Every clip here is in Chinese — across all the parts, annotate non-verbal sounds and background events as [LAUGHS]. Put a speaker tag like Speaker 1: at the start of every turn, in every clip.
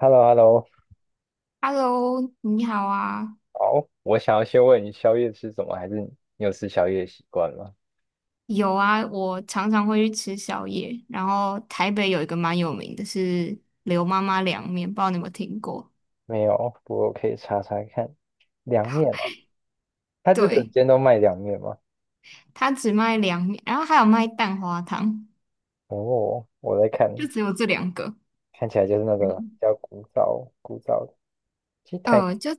Speaker 1: h e l l o h e l l o
Speaker 2: Hello，你好啊，
Speaker 1: 好，我想要先问你宵夜吃什么，还是你有吃宵夜的习惯吗？
Speaker 2: 有啊，我常常会去吃宵夜。然后台北有一个蛮有名的是刘妈妈凉面，不知道你有没有听过？
Speaker 1: 没有，不过我可以查查看。凉面哦，它就整
Speaker 2: 对，
Speaker 1: 间都卖凉面吗？
Speaker 2: 它只卖凉面，然后还有卖蛋花汤，
Speaker 1: 哦，我在
Speaker 2: 就
Speaker 1: 看，
Speaker 2: 只有这两个。
Speaker 1: 看起来就是那个比
Speaker 2: 嗯，
Speaker 1: 较古早古早的。其实台，
Speaker 2: 就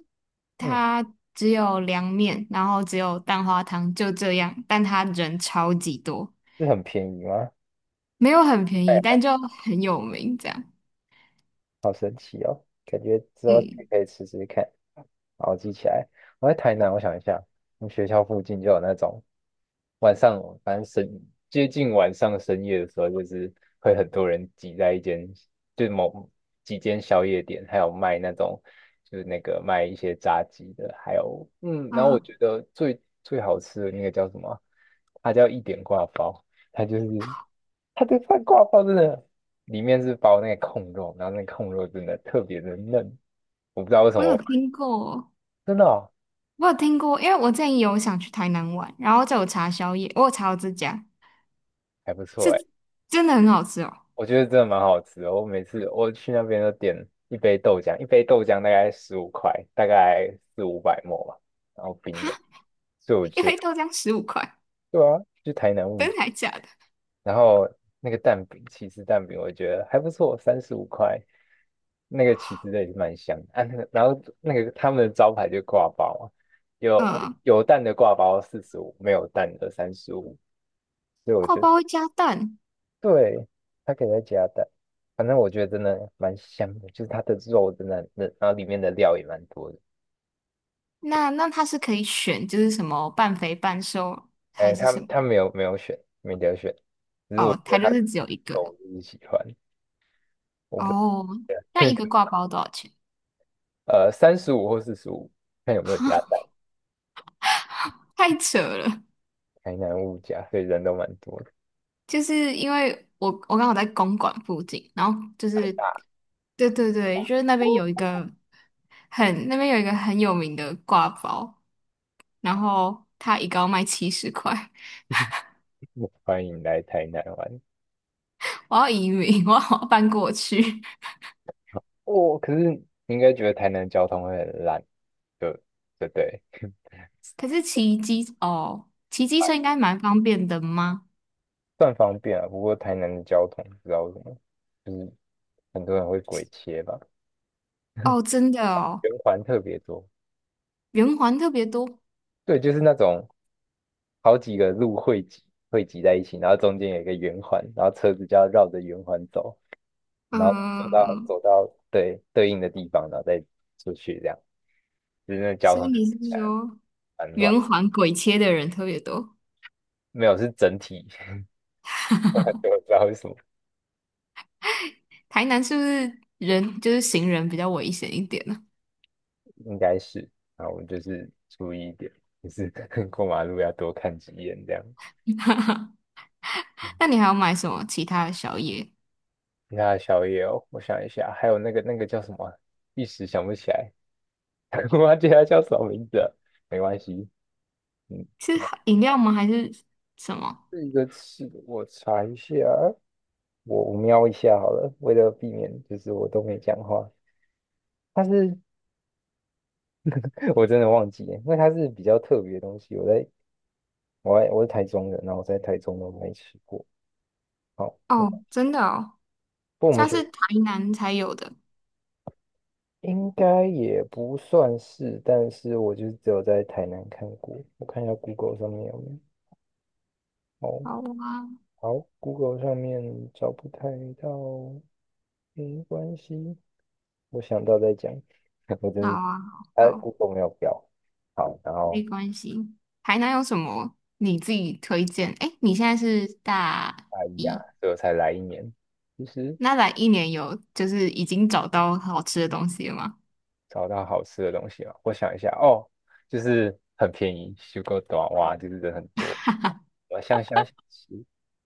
Speaker 1: 嗯，
Speaker 2: 它只有凉面，然后只有蛋花汤，就这样。但它人超级多，
Speaker 1: 是很便宜吗？
Speaker 2: 没有很便宜，但就很有名这样。
Speaker 1: 好神奇哦，感觉之后去
Speaker 2: 嗯
Speaker 1: 可以试试看。好，我记起来。我在台南，我想一下，我们学校附近就有那种晚上，反正深接近晚上深夜的时候，就是会很多人挤在一间，就是某几间宵夜店，还有卖那种就是那个卖一些炸鸡的，还有然后我
Speaker 2: 啊，
Speaker 1: 觉得最最好吃的那个叫什么啊，它叫一点挂包，它就是它的饭挂包真的里面是包那个控肉，然后那个控肉真的特别的嫩，我不知道为什
Speaker 2: 我有
Speaker 1: 么。
Speaker 2: 听过。
Speaker 1: 真的哦，
Speaker 2: 我有听过，因为我之前有想去台南玩，然后就有查宵夜，我有查到这家
Speaker 1: 还不错
Speaker 2: 是
Speaker 1: 哎，
Speaker 2: 真的很好吃哦，
Speaker 1: 我觉得真的蛮好吃的。我每次我去那边都点一杯豆浆，一杯豆浆大概十五块，大概四五百沫吧，然后冰的，所以我
Speaker 2: 一
Speaker 1: 觉
Speaker 2: 杯
Speaker 1: 得
Speaker 2: 豆浆15块，
Speaker 1: 对啊，去台南物
Speaker 2: 真的还假的？
Speaker 1: 然后那个蛋饼，起司蛋饼，我觉得还不错，35块，那个起司的也是蛮香的啊。那个，然后那个他们的招牌就挂包啊，有
Speaker 2: 嗯，
Speaker 1: 有蛋的挂包四十五，没有蛋的三十五，所以我
Speaker 2: 挂
Speaker 1: 觉得
Speaker 2: 包会加蛋，
Speaker 1: 对，它可以再加蛋。反正我觉得真的蛮香的，就是它的肉真的很嫩然后里面的料也蛮多的。
Speaker 2: 那它是可以选，就是什么半肥半瘦还
Speaker 1: 哎，
Speaker 2: 是
Speaker 1: 他
Speaker 2: 什么？
Speaker 1: 他没有没有选，没得选，只是我
Speaker 2: 哦，
Speaker 1: 觉
Speaker 2: 它
Speaker 1: 得
Speaker 2: 就
Speaker 1: 他
Speaker 2: 是只有一个
Speaker 1: 肉我就是喜欢，我不知道。
Speaker 2: 哦，那一个挂包多少钱？
Speaker 1: 35或45，看有没有加蛋。
Speaker 2: 太扯了，
Speaker 1: 台南物价，所以人都蛮多的。
Speaker 2: 就是因为我刚好在公馆附近，然后就
Speaker 1: 太
Speaker 2: 是
Speaker 1: 大，
Speaker 2: 对对对，就是那边有一个很有名的挂包，然后它一个要卖70块，
Speaker 1: [LAUGHS] 欢迎来台南玩。
Speaker 2: 我要移民，我要搬过去。
Speaker 1: 哦，可是你应该觉得台南的交通会很烂，就对对，
Speaker 2: [LAUGHS] 可是骑机车应该蛮方便的吗？
Speaker 1: 算方便啊。不过台南的交通不知道为什么，就是很多人会鬼切吧，
Speaker 2: 哦，真的哦，
Speaker 1: 圆环特别多。
Speaker 2: 圆环特别多，
Speaker 1: 对，就是那种好几个路汇集在一起，然后中间有一个圆环，然后车子就要绕着圆环走，然后走到
Speaker 2: 嗯，
Speaker 1: 走到对应的地方，然后再出去这样，就是那交通
Speaker 2: 所以
Speaker 1: 就看
Speaker 2: 你是
Speaker 1: 起来
Speaker 2: 说
Speaker 1: 蛮乱，
Speaker 2: 圆环鬼切的人特别多？
Speaker 1: 没有是整体，[LAUGHS] 我也不知道为什么，
Speaker 2: 台南是不是人就是行人比较危险一点呢？
Speaker 1: 应该是，然后我就是注意一点，就是 [LAUGHS] 过马路要多看几眼这样。
Speaker 2: 那你还要买什么其他的宵夜？
Speaker 1: 其他的宵夜哦，我想一下，还有那个叫什么啊，一时想不起来，[LAUGHS] 我忘记它叫什么名字了，没关系，嗯，
Speaker 2: 是饮料吗？还是什么？
Speaker 1: 这个是我查一下，我瞄一下好了，为了避免就是我都没讲话。它是 [LAUGHS] 我真的忘记了，因为它是比较特别的东西。我是台中人，然后我在台中都没吃过。好，
Speaker 2: 哦，真的哦，
Speaker 1: 不过我们
Speaker 2: 它
Speaker 1: 学
Speaker 2: 是台南才有的。
Speaker 1: 应该也不算是，但是我就只有在台南看过。我看一下 Google 上面有没有。哦，
Speaker 2: 好啊，
Speaker 1: 好，Google 上面找不太到，没关系，我想到再讲。[LAUGHS] 我
Speaker 2: 好
Speaker 1: 真的，
Speaker 2: 啊，好，
Speaker 1: 啊
Speaker 2: 好，
Speaker 1: ，Google 没有标。好，然
Speaker 2: 没
Speaker 1: 后
Speaker 2: 关系。台南有什么你自己推荐？哎，你现在是大
Speaker 1: 大一啊，
Speaker 2: 一，
Speaker 1: 所以我才来一年。其实
Speaker 2: 那来一年有就是已经找到好吃的东西了吗？
Speaker 1: 找到好吃的东西了，我想一下哦，就是很便宜，修够短哇，就是人很多。我香香小吃，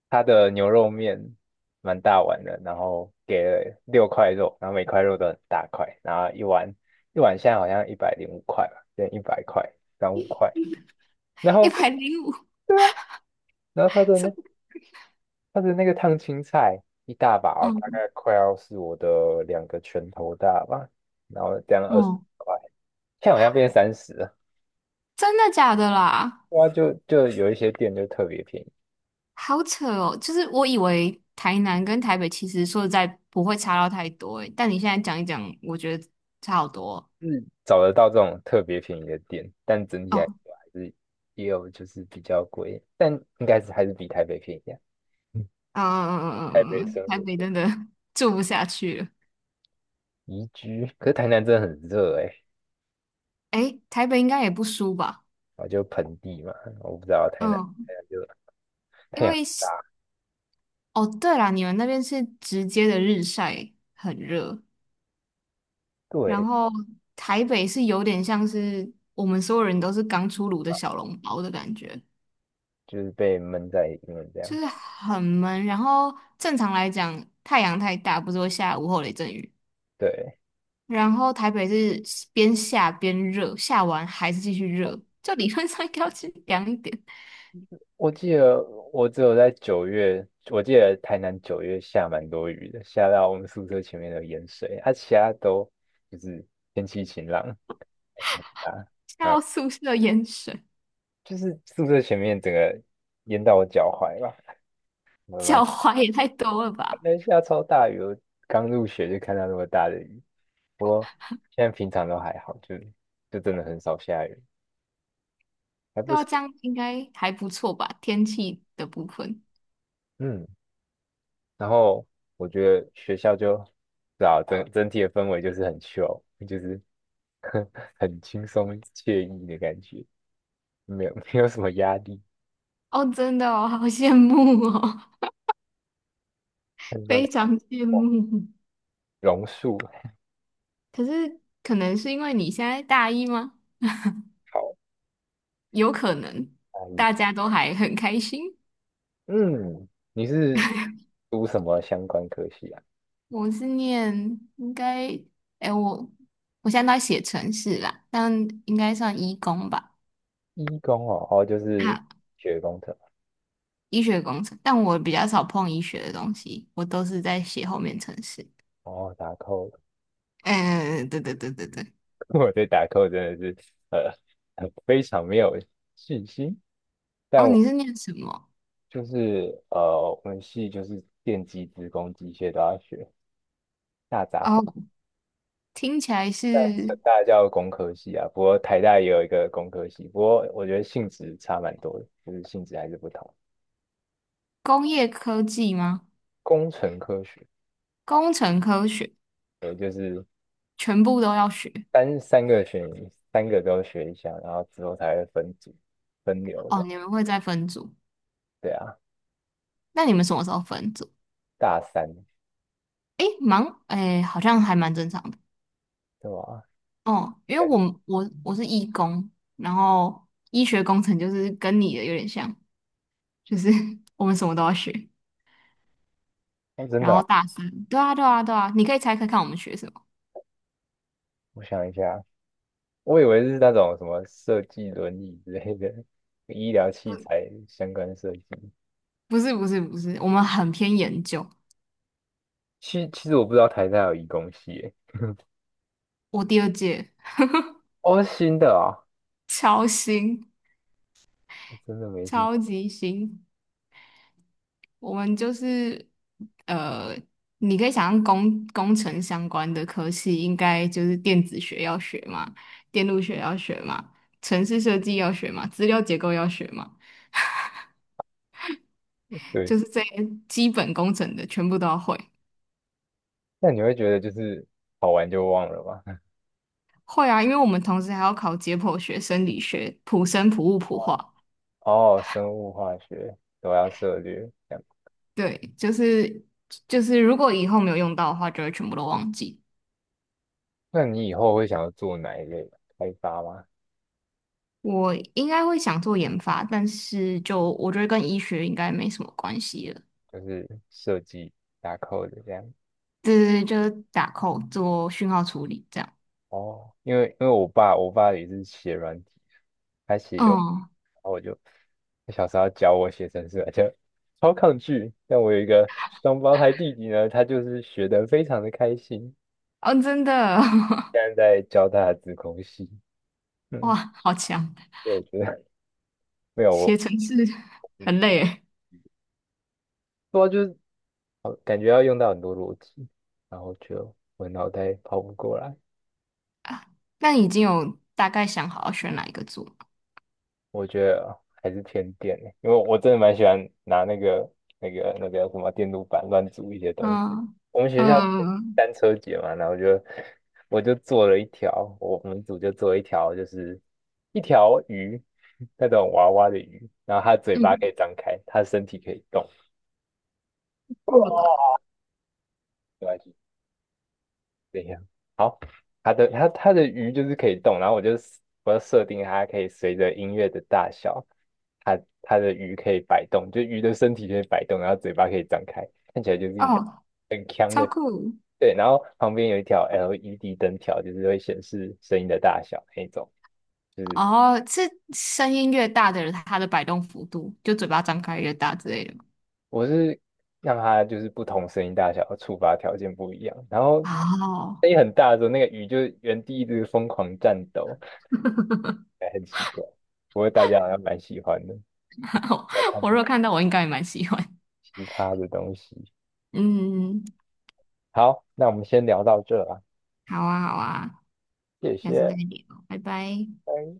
Speaker 1: 它的牛肉面蛮大碗的，然后给了六块肉，然后每块肉都很大块，然后一碗现在好像105块吧，现在100块，涨五块。然
Speaker 2: 一
Speaker 1: 后
Speaker 2: 百零五，
Speaker 1: 然后
Speaker 2: [LAUGHS] 是吗？
Speaker 1: 它的那个烫青菜一大把哦大
Speaker 2: 嗯
Speaker 1: 概快要是我的两个拳头大吧，然后这样二十
Speaker 2: 嗯，
Speaker 1: 块，现在好像变三十。
Speaker 2: 真的假的啦？
Speaker 1: 对啊，就有一些店就特别便宜，
Speaker 2: 好扯哦！就是我以为台南跟台北其实说实在不会差到太多诶，但你现在讲一讲，我觉得差好多
Speaker 1: 嗯，找得到这种特别便宜的店，但整体
Speaker 2: 哦。
Speaker 1: 来
Speaker 2: 哦
Speaker 1: 说还是也有就是比较贵，但应该是还是比台北便宜啊。嗯
Speaker 2: 嗯嗯嗯
Speaker 1: 台
Speaker 2: 嗯
Speaker 1: 北
Speaker 2: 嗯，
Speaker 1: 生
Speaker 2: 嗯台
Speaker 1: 活
Speaker 2: 北
Speaker 1: 过
Speaker 2: 真的 [LAUGHS] 住不下去了。
Speaker 1: 宜居，可是台南真的很热哎、
Speaker 2: 诶，台北应该也不输吧？
Speaker 1: 啊就盆地嘛，我不知道台南
Speaker 2: 嗯，
Speaker 1: 台南就
Speaker 2: 因
Speaker 1: 太阳
Speaker 2: 为
Speaker 1: 大，
Speaker 2: 是哦，对啦，你们那边是直接的日晒，很热，然
Speaker 1: 对，
Speaker 2: 后台北是有点像是我们所有人都是刚出炉的小笼包的感觉。
Speaker 1: 就是被闷在里面这样，
Speaker 2: 就是很闷。然后正常来讲，太阳太大，不是会下午后雷阵雨。
Speaker 1: 对。
Speaker 2: 然后台北是边下边热，下完还是继续热，就理论上应该要去凉一点，
Speaker 1: 我记得我只有在九月，我记得台南九月下蛮多雨的，下到我们宿舍前面的淹水，啊，其他都就是天气晴朗啊，
Speaker 2: 下到宿舍淹水，
Speaker 1: 就是宿舍前面整个淹到我脚踝吧，我蛮
Speaker 2: 脚踝也太多了吧？
Speaker 1: 那下超大雨，我刚入学就看到那么大的雨，不过现在平常都还好，就真的很少下雨，还不
Speaker 2: 对啊，
Speaker 1: 错，
Speaker 2: 这样应该还不错吧？天气的部分
Speaker 1: 嗯。然后我觉得学校就，是啊，整体的氛围就是很 chill，就是 [LAUGHS] 很轻松惬意的感觉，没有 [LAUGHS] 没有什么压力。
Speaker 2: 哦，真的哦，好羡慕哦，[LAUGHS]
Speaker 1: 看到
Speaker 2: 非常羡慕。
Speaker 1: 榕树，
Speaker 2: 可是可能是因为你现在大一吗？
Speaker 1: 好，
Speaker 2: 有可能，
Speaker 1: 阿姨，
Speaker 2: 大家都还很开心。
Speaker 1: 嗯，你是读什么相关科系啊？
Speaker 2: 我是念应该，哎，我现在都在写城市啦，但应该算医工吧，
Speaker 1: 医工哦，哦，就是
Speaker 2: 啊，
Speaker 1: 学工程，
Speaker 2: 医学工程，但我比较少碰医学的东西，我都是在写后面程式。
Speaker 1: 哦，打扣，[LAUGHS]
Speaker 2: 嗯，对对对对对。
Speaker 1: 我对打扣真的是呃 [LAUGHS] 非常没有信心。但
Speaker 2: 哦，
Speaker 1: 我。
Speaker 2: 你是念什么？
Speaker 1: 就是我们系就是电机、资工、机械都要学，大杂烩。
Speaker 2: 哦，听起来
Speaker 1: 但成
Speaker 2: 是
Speaker 1: 大叫工科系啊，不过台大也有一个工科系，不过我觉得性质差蛮多的，就是性质还是不同。
Speaker 2: 工业科技吗？
Speaker 1: 工程科学，
Speaker 2: 工程科学，
Speaker 1: 也就是
Speaker 2: 全部都要学。
Speaker 1: 三三个选，三个都学一下，然后之后才会分组、分流这
Speaker 2: 哦，
Speaker 1: 样。
Speaker 2: 你们会再分组？
Speaker 1: 对啊，
Speaker 2: 那你们什么时候分组？
Speaker 1: 大三，
Speaker 2: 诶，忙，诶，好像还蛮正常的。
Speaker 1: 对吧？
Speaker 2: 哦，因为
Speaker 1: 感
Speaker 2: 我们我我是医工，然后医学工程就是跟你的有点像，就是 [LAUGHS] 我们什么都要学。
Speaker 1: 哦，真
Speaker 2: 然
Speaker 1: 的哦，
Speaker 2: 后大三，对啊，对啊，对啊，你可以猜猜看我们学什么？
Speaker 1: 我想一下，我以为是那种什么设计伦理之类的，[LAUGHS] 医疗器材相关设计。
Speaker 2: 不是，不是，不是，我们很偏研究。
Speaker 1: 其实我不知道台大有移工系耶，[LAUGHS]
Speaker 2: 我第二届
Speaker 1: 哦，是新的啊，
Speaker 2: 超新，
Speaker 1: 我真的没听。
Speaker 2: 超级新，我们就是呃，你可以想象工程相关的科系，应该就是电子学要学嘛，电路学要学嘛，城市设计要学嘛，资料结构要学嘛。
Speaker 1: 对，
Speaker 2: 就是这些基本工程的全部都要会。
Speaker 1: 那你会觉得就是考完就忘了吗？[LAUGHS]
Speaker 2: 会啊，因为我们同时还要考解剖学、生理学、普生、普物、普化。
Speaker 1: 哦，生物化学都要涉略，这样。
Speaker 2: 对，就是，如果以后没有用到的话，就会全部都忘记。
Speaker 1: 那你以后会想要做哪一类开发吗？
Speaker 2: 我应该会想做研发，但是就我觉得跟医学应该没什么关系了。
Speaker 1: 就是设计打扣的 d e 这样。
Speaker 2: 对对对，就是打扣做讯号处理这样。
Speaker 1: 哦，因为我爸也是写软体，他写有，
Speaker 2: 嗯
Speaker 1: 然后我就他小时候教我写程式而且超抗拒。但我有一个双胞胎弟弟呢，他就是学得非常的开心。
Speaker 2: 哦，真的，
Speaker 1: 现在在教大家自控系 [LAUGHS]，
Speaker 2: [LAUGHS]
Speaker 1: 嗯，
Speaker 2: 哇，好强！
Speaker 1: 所以我觉得没有
Speaker 2: 写
Speaker 1: 我，
Speaker 2: 程式
Speaker 1: 嗯，
Speaker 2: 很累诶。
Speaker 1: 不过就是好感觉要用到很多逻辑，然后就我脑袋跑不过来，
Speaker 2: 啊那你已经有大概想好要选哪一个做？
Speaker 1: 我觉得还是偏电欸，因为我真的蛮喜欢拿那个那个什么电路板乱组一些东西。
Speaker 2: 嗯
Speaker 1: 我们学校
Speaker 2: 嗯
Speaker 1: 单车节嘛，然后就我就做了一条，我我们组就做了一条，就是一条鱼，那种娃娃的鱼，然后它嘴巴可
Speaker 2: 嗯，
Speaker 1: 以张开，它身体可以动。
Speaker 2: 过了吧？
Speaker 1: 没关系。怎样？好，它的鱼就是可以动，我要设定它可以随着音乐的大小，它的鱼可以摆动，就鱼的身体可以摆动，然后嘴巴可以张开，看起来就是
Speaker 2: 哦，
Speaker 1: 很强
Speaker 2: 超
Speaker 1: 的。
Speaker 2: 酷！
Speaker 1: 对，然后旁边有一条 LED 灯条，就是会显示声音的大小那一种。就是
Speaker 2: 哦，是声音越大的人，他的摆动幅度就嘴巴张开越大之类的吗。
Speaker 1: 我是让它就是不同声音大小的触发条件不一样，然后声
Speaker 2: 哦，
Speaker 1: 音很大的时候，那个鱼就原地一直疯狂战斗，哎，很奇怪。不过大家好像蛮喜欢的，
Speaker 2: [LAUGHS]
Speaker 1: 要看
Speaker 2: 我如果看到，我应该也蛮喜欢。
Speaker 1: 奇葩的东西。
Speaker 2: 嗯，
Speaker 1: 好，那我们先聊到这啦，
Speaker 2: 好啊，好啊，
Speaker 1: 谢
Speaker 2: 下次再
Speaker 1: 谢，
Speaker 2: 聊，拜拜。
Speaker 1: 拜。